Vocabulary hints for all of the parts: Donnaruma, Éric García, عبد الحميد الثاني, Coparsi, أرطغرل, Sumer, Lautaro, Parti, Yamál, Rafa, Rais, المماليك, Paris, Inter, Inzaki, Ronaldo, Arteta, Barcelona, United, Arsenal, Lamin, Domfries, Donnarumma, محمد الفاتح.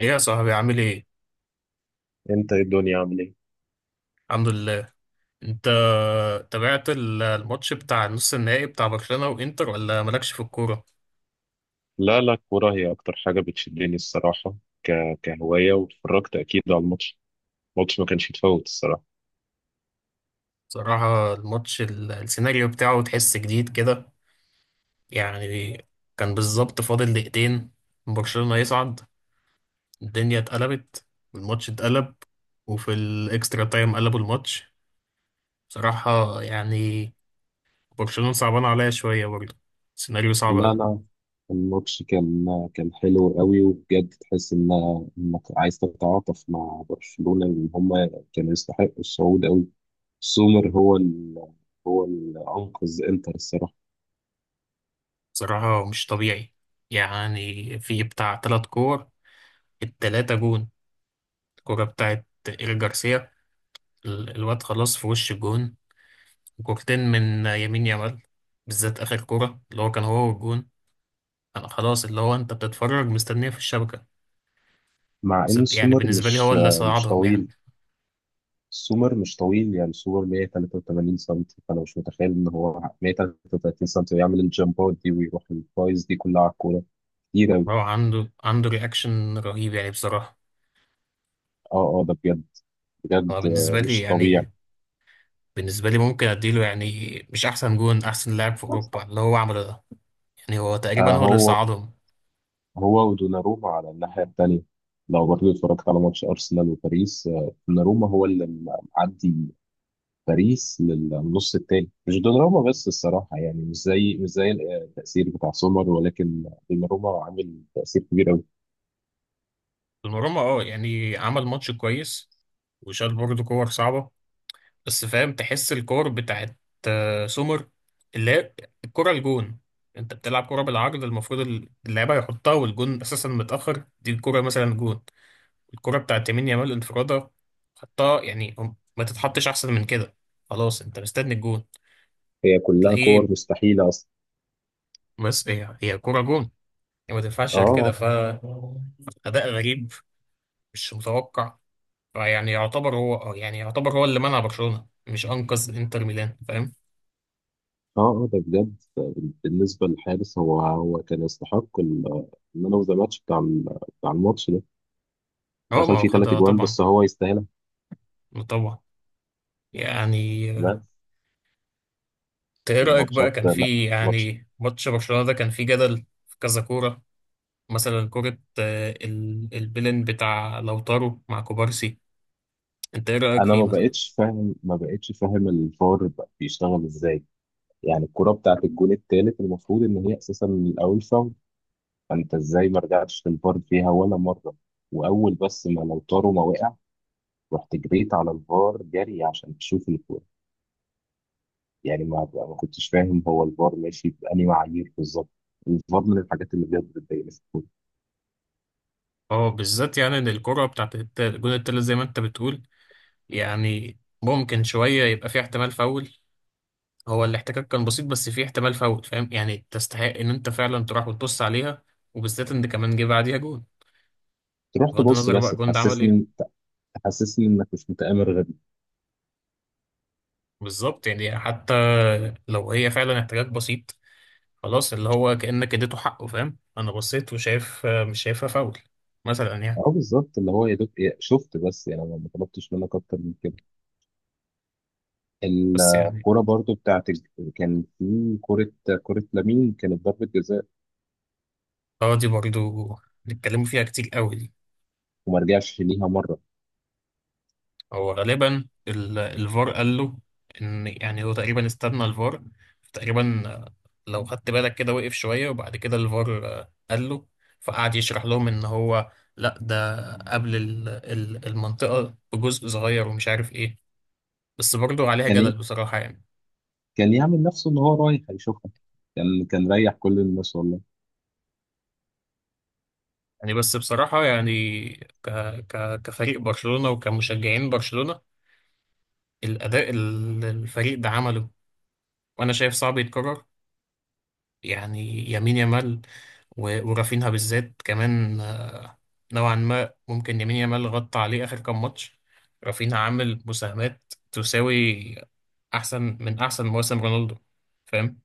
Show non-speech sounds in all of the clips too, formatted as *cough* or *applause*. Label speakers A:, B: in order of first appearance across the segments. A: ايه يا صاحبي عامل ايه؟
B: انت ايه الدنيا عامل ايه؟
A: الحمد لله. انت تابعت الماتش بتاع النص النهائي بتاع برشلونة وانتر ولا مالكش في الكورة؟
B: لا لا، الكورة هي أكتر حاجة بتشدني الصراحة ك... كهواية، واتفرجت أكيد على الماتش. الماتش ما كانش يتفوت الصراحة.
A: صراحة الماتش السيناريو بتاعه تحس جديد كده، يعني كان بالظبط فاضل دقيقتين، برشلونة يصعد، الدنيا اتقلبت، الماتش اتقلب، وفي الاكسترا تايم قلبوا الماتش. بصراحة يعني برشلونة صعبان عليا شوية برضه، سيناريو صعب
B: لا
A: أوي.
B: لا، الماتش كان حلو قوي، وبجد تحس انك عايز تتعاطف مع برشلونة، ان هم كانوا يستحقوا الصعود قوي. سومر هو اللي انقذ انتر الصراحة.
A: بصراحة مش طبيعي، يعني في بتاع تلات كور، التلاتة جون، الكرة بتاعت إيريك جارسيا، الواد خلاص في وش الجون، وكورتين من يمين يامال، بالذات آخر كرة اللي هو كان هو والجون، أنا خلاص اللي هو أنت بتتفرج مستنيه في الشبكة.
B: مع
A: بس
B: ان
A: يعني
B: سومر
A: بالنسبة لي هو
B: مش
A: اللي
B: مش
A: صعدهم يعني.
B: طويل، سومر مش طويل، يعني سومر 183 سم، فانا مش متخيل ان هو 133 سم ويعمل الجامبات دي ويروح الفايز دي كلها على الكوره كتير أوي.
A: هو عنده رياكشن رهيب يعني بصراحة.
B: اه اه، ده بجد،
A: هو
B: بجد آه،
A: بالنسبة لي
B: مش طبيعي.
A: يعني، بالنسبة لي ممكن أديله، يعني مش أحسن جون، أحسن لاعب في أوروبا اللي هو عمله ده، يعني هو
B: آه،
A: تقريبا هو اللي
B: هو
A: صعدهم.
B: هو ودوناروما على الناحيه الثانيه. لو برضه اتفرجت على ماتش ارسنال وباريس آه، دوناروما هو معدي باريس للنص الثاني، مش دوناروما بس الصراحه، يعني مش زي آه، التاثير بتاع سومر، ولكن دوناروما عامل تاثير كبير.
A: دوناروما اه يعني عمل ماتش كويس، وشال برضه كور صعبة، بس فاهم تحس الكور بتاعت سومر، اللي هي الكرة الجون، انت بتلعب كرة بالعرض المفروض اللعيبة يحطها والجون اساسا متأخر، دي الكرة مثلا جون، الكرة بتاعت يمين يامال انفرادة، حطها، يعني ما تتحطش احسن من كده، خلاص انت مستني الجون
B: هي كلها
A: تلاقيه.
B: كور مستحيلة أصلا.
A: بس هي كرة جون يعني، ما تنفعش غير كده،
B: اه
A: ف أداء غريب، مش متوقع. فيعني يعتبر هو يعني يعتبر هو اللي منع برشلونة، مش أنقذ انتر ميلان، فاهم.
B: اه اه آه، ده بجد. بالنسبة للحارس، هو كان يستحق المان اوف ذا ماتش بتاع الماتش ده.
A: اه ما
B: دخل
A: هو
B: فيه ثلاث
A: خدها
B: اجوان،
A: طبعا،
B: بس هو يستاهلها.
A: طبعا، يعني.
B: بس
A: انت ايه رأيك بقى،
B: الماتشات
A: كان
B: لا،
A: في
B: ماتش.
A: يعني ماتش برشلونة ده كان في جدل في كذا كورة، مثلا كورة البلن بتاع لوتارو مع كوبارسي، انت ايه رأيك
B: انا
A: فيه
B: ما
A: مثلا؟
B: بقتش فاهم ما بقتش فاهم الفار بقى بيشتغل ازاي. يعني الكرة بتاعت الجون التالت، المفروض ان هي اساسا من الاول فاول، فانت ازاي ما رجعتش للفار فيها ولا مرة؟ واول بس ما لو طاروا ما وقع، رحت جريت على الفار جري عشان تشوف. يعني ما كنتش فاهم، هو الفار ماشي بأنهي معايير بالظبط. الفار من الحاجات اللي بجد بتضايقني في الكورة.
A: اه، بالذات يعني ان الكرة بتاعت الجون التالت زي ما انت بتقول، يعني ممكن شوية يبقى في احتمال فاول، هو الاحتكاك كان بسيط بس في احتمال فاول، فاهم يعني، تستحق ان انت فعلا تروح وتبص عليها، وبالذات ان كمان جه بعديها جون،
B: تروح
A: بغض
B: تبص
A: النظر
B: بس
A: بقى الجون ده عمل
B: تحسسني
A: ايه.
B: تحسسني انك مش متآمر غبي.
A: بالظبط يعني حتى لو هي فعلا احتكاك بسيط، خلاص اللي هو كأنك اديته حقه، فاهم، انا بصيت وشايف مش شايفها فاول، مثلا يعني.
B: اه بالظبط، اللي هو يا دوب، شفت، بس يعني ما طلبتش منك اكتر من كده.
A: بس يعني
B: الكورة برضو كان في كورة، كورة لامين كانت ضربة جزاء،
A: اه، دي برضو نتكلموا فيها كتير قوي دي.
B: وما رجعش ليها مرة.
A: هو غالبا الفار قال له ان يعني هو تقريبا استنى الفار تقريبا، لو خدت بالك كده وقف شوية وبعد كده الفار قال له، فقعد يشرح لهم ان هو لا ده قبل المنطقة بجزء صغير ومش عارف ايه، بس برضو عليها
B: كان
A: جدل
B: ي-
A: بصراحة يعني.
B: كان يعمل نفسه ان هو رايح هيشوفها. كان ريح كل الناس والله.
A: يعني بس بصراحة يعني، ك... كفريق برشلونة وكمشجعين برشلونة، الأداء اللي الفريق ده عمله وأنا شايف صعب يتكرر، يعني يمين يامال و... ورافينها بالذات كمان، نوعا ما ممكن يمين يامال غطى عليه آخر كام ماتش، رافينها عامل مساهمات تساوي أحسن من أحسن مواسم رونالدو، فاهم،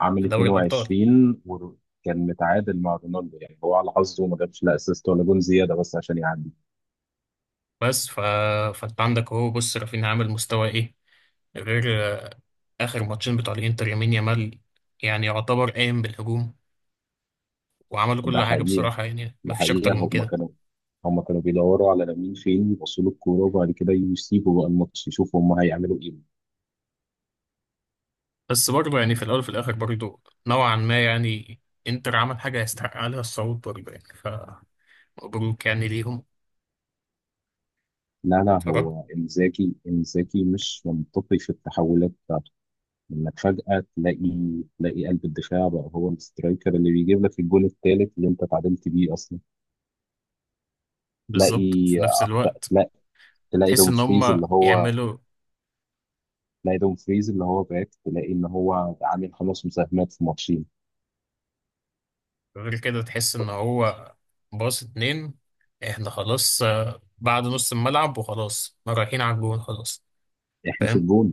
B: عامل
A: في دوري الأبطال.
B: 22 وكان متعادل مع رونالدو، يعني هو على حظه ما جابش لا اسيست ولا جون زياده بس عشان يعدي.
A: بس فأنت عندك، هو بص رافينها عامل مستوى إيه غير آخر ماتشين بتوع الإنتر، يمين يامال يعني يعتبر قايم بالهجوم، وعملوا
B: ده
A: كل حاجة
B: حقيقه،
A: بصراحة يعني،
B: ده
A: مفيش أكتر
B: حقيقه
A: من
B: هم
A: كده.
B: كانوا هم كانوا بيدوروا على لامين فين يبصوا له الكوره، وبعد كده يسيبوا بقى الماتش يشوفوا هم هيعملوا ايه.
A: بس برضه يعني، في الأول وفي الآخر برضه نوعا ما يعني، إنتر عمل حاجة يستحق عليها الصعود برضه يعني، فمبروك يعني ليهم.
B: لا لا،
A: اتفرجت
B: هو انزاكي مش منطقي في التحولات بتاعته. انك فجأة تلاقي قلب الدفاع بقى هو السترايكر، اللي بيجيب لك الجون الثالث اللي انت تعادلت بيه اصلا. تلاقي
A: بالظبط، وفي نفس
B: اكتر
A: الوقت
B: تلاقي تلاقي
A: تحس إن
B: دومفريز اللي
A: هما
B: هو
A: يعملوا
B: تلاقي دومفريز اللي هو باك، تلاقي ان هو عامل خمس مساهمات في ماتشين.
A: غير كده، تحس إن هو باص اتنين، إحنا خلاص بعد نص الملعب وخلاص رايحين على الجون، خلاص،
B: احنا في
A: فاهم،
B: الجون.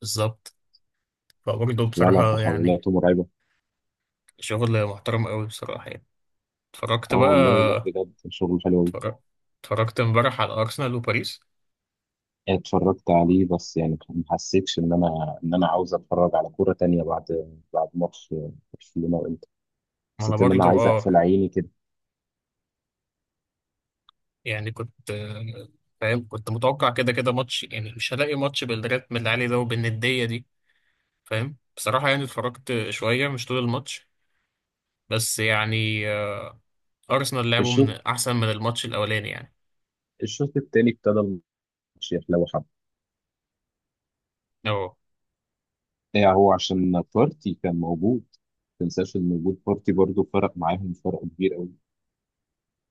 A: بالظبط. فبرضه
B: لا لا،
A: بصراحة يعني،
B: تحولاته مرعبه.
A: شغل محترم قوي بصراحة يعني، اتفرجت
B: اه والله، لا
A: بقى،
B: بجد شغل حلو أوي.
A: اتفرج- اتفرجت امبارح على أرسنال وباريس.
B: اتفرجت عليه، بس يعني ما حسيتش ان انا عاوز اتفرج على كوره تانية بعد، بعد ماتش برشلونه وانتر.
A: ما انا
B: حسيت ان انا
A: برضو
B: عايز
A: اه،
B: اقفل عيني كده.
A: يعني كنت فاهم، كنت متوقع كده كده ماتش يعني مش هلاقي ماتش بالريتم اللي عليه ده وبالندية دي، فاهم، بصراحة يعني اتفرجت شوية مش طول الماتش، بس يعني أرسنال لعبوا من
B: الشوط
A: أحسن من الماتش الأولاني يعني.
B: الشوط التاني ابتدى الماتش يحلو حبه.
A: اه
B: يعني هو عشان بارتي كان موجود، ما تنساش ان وجود بارتي برضه فرق معاهم فرق كبير قوي.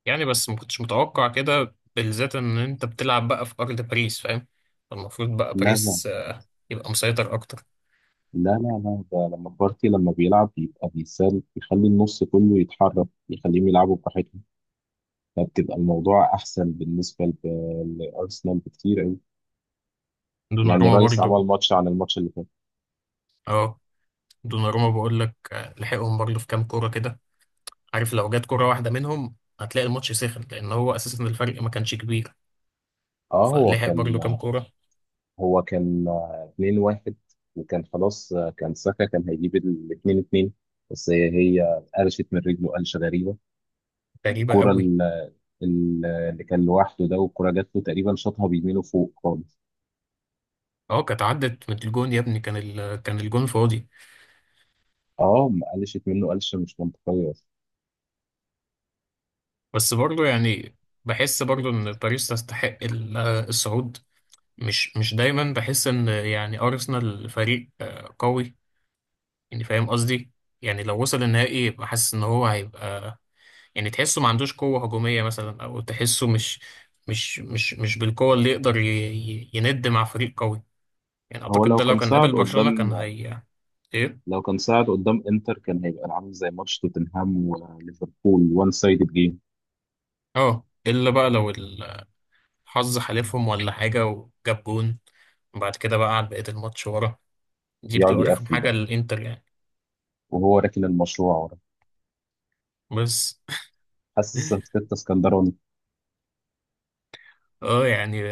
A: يعني، بس ما كنتش متوقع كده، بالذات إن أنت بتلعب بقى في أرض باريس، فاهم، المفروض بقى
B: لا لا
A: باريس يبقى مسيطر أكتر.
B: لا، لا لا، ده لما بارتي لما بيلعب بيبقى بيسال، بيخلي النص كله يتحرك، يخليهم يلعبوا براحتهم، فبتبقى الموضوع احسن بالنسبه لارسنال بكتير قوي. يعني
A: دوناروما
B: رايس عمل
A: برضو،
B: ماتش عن الماتش اللي فات.
A: اه دوناروما بقول لك لحقهم برضو في كام كوره كده، عارف لو جت كوره واحده منهم هتلاقي الماتش سخن، لان هو اساسا الفرق ما كانش كبير،
B: اه، هو
A: فلحق
B: كان
A: برضو كام كوره.
B: هو كان 2-1، وكان خلاص آه، كان ساكا كان هيجيب ال 2-2، بس هي قرشت من رجله قرشه غريبه.
A: غريبه
B: الكوره
A: قوي،
B: اللي كان لوحده ده، والكوره جات له تقريبا شاطها بيمينه فوق خالص.
A: اه كانت عدت من الجون يا ابني، كان كان الجون فاضي.
B: اه، ما قلشت منه قلشه مش منطقيه.
A: بس برضو يعني، بحس برضو ان باريس تستحق الصعود، مش مش دايما بحس ان يعني ارسنال فريق قوي يعني، فاهم قصدي، يعني لو وصل النهائي بحس ان هو هيبقى يعني تحسه ما عندوش قوة هجومية مثلا، أو تحسه مش بالقوة اللي يقدر يند مع فريق قوي، يعني
B: هو
A: أعتقد
B: لو
A: ده لو
B: كان
A: كان
B: صعد
A: قابل برشلونة
B: قدام
A: كان هي. إيه؟
B: لو كان صعد قدام انتر، كان هيبقى عامل زي ماتش توتنهام وليفربول، وان سايدد جيم.
A: أه إلا بقى لو الحظ حالفهم ولا حاجة وجاب جون، وبعد كده بقى قعد بقية الماتش ورا، دي
B: يقعد
A: بتبقى رخم
B: يقفل
A: حاجة
B: بقى،
A: للإنتر يعني.
B: وهو راكن المشروع ورا.
A: بس
B: حاسس
A: *laughs*
B: ارتيتا اسكندراني.
A: أه يعني،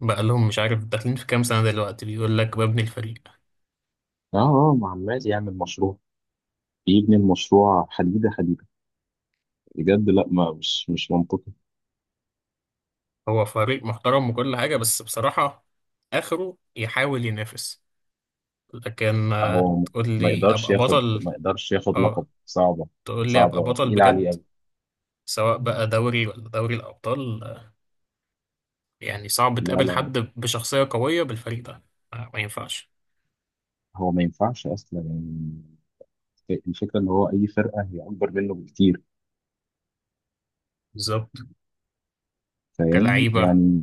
A: بقى لهم مش عارف داخلين في كام سنة دلوقتي، بيقول لك ببني الفريق،
B: اه اه، ما عمال يعمل مشروع، يبني المشروع حديده حديده. بجد لا، ما مش مش منطقي.
A: هو فريق محترم وكل حاجة بس بصراحة آخره يحاول ينافس، لكن
B: هو
A: تقول
B: ما
A: لي
B: يقدرش
A: ابقى
B: ياخد
A: بطل،
B: ما يقدرش ياخد لقب،
A: اه،
B: صعبه.
A: تقول لي ابقى
B: صعبه
A: بطل
B: تقيله عليه
A: بجد،
B: قوي.
A: سواء بقى دوري ولا دوري الابطال يعني صعب
B: لا
A: تقابل
B: لا،
A: حد بشخصية قوية بالفريق ده، ما ينفعش
B: هو ما ينفعش اصلا. يعني الفكره ان هو اي فرقه هي اكبر منه بكتير،
A: بالظبط،
B: فاهم
A: كلعيبة
B: يعني؟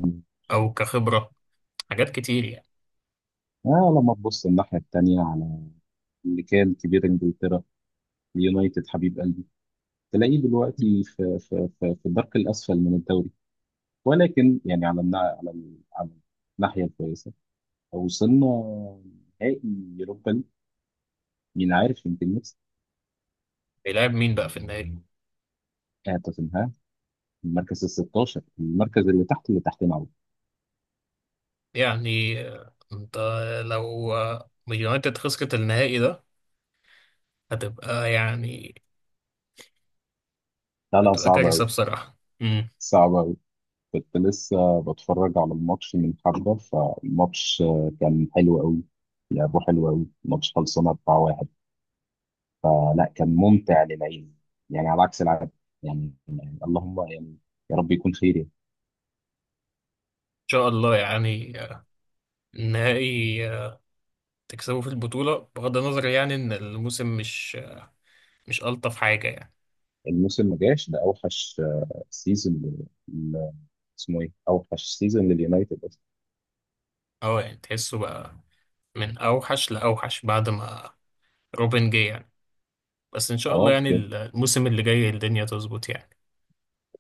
A: او كخبرة، حاجات كتير يعني.
B: آه، لما تبص الناحية التانية، على اللي كان كبير إنجلترا، اليونايتد حبيب قلبي، تلاقيه دلوقتي
A: *laughs*
B: في الدرك الأسفل من الدوري. ولكن يعني على الناحية الكويسة، وصلنا نهائي يوروبا ليج، مين عارف، يمكن نكسب.
A: بيلعب مين بقى في النهائي؟
B: آه توتنهام، المركز ال 16، المركز اللي تحت اللي تحتنا أوي.
A: يعني انت لو يونايتد خسرت النهائي ده هتبقى يعني،
B: لا لا،
A: هتبقى
B: صعب
A: كارثة
B: أوي،
A: بصراحة. ان
B: صعب أوي. كنت لسه بتفرج على الماتش من حبة، فالماتش آه، كان حلو أوي، لعبه حلو أوي. الماتش خلصنا 4-1، فلا كان ممتع للعين، يعني على عكس العادة. يعني، اللهم يعني يا رب يكون خير يعني.
A: شاء الله يعني النهائي تكسبه في البطولة، بغض النظر يعني إن الموسم مش ألطف حاجة يعني.
B: الموسم ما جاش، ده اوحش آه، سيزون اسمه ايه، اوحش سيزون لليونايتد اصلا.
A: أه يعني تحسه بقى من أوحش لأوحش، بعد ما روبن جه يعني، بس إن شاء الله
B: اه
A: يعني
B: بجد
A: الموسم اللي جاي الدنيا تظبط يعني.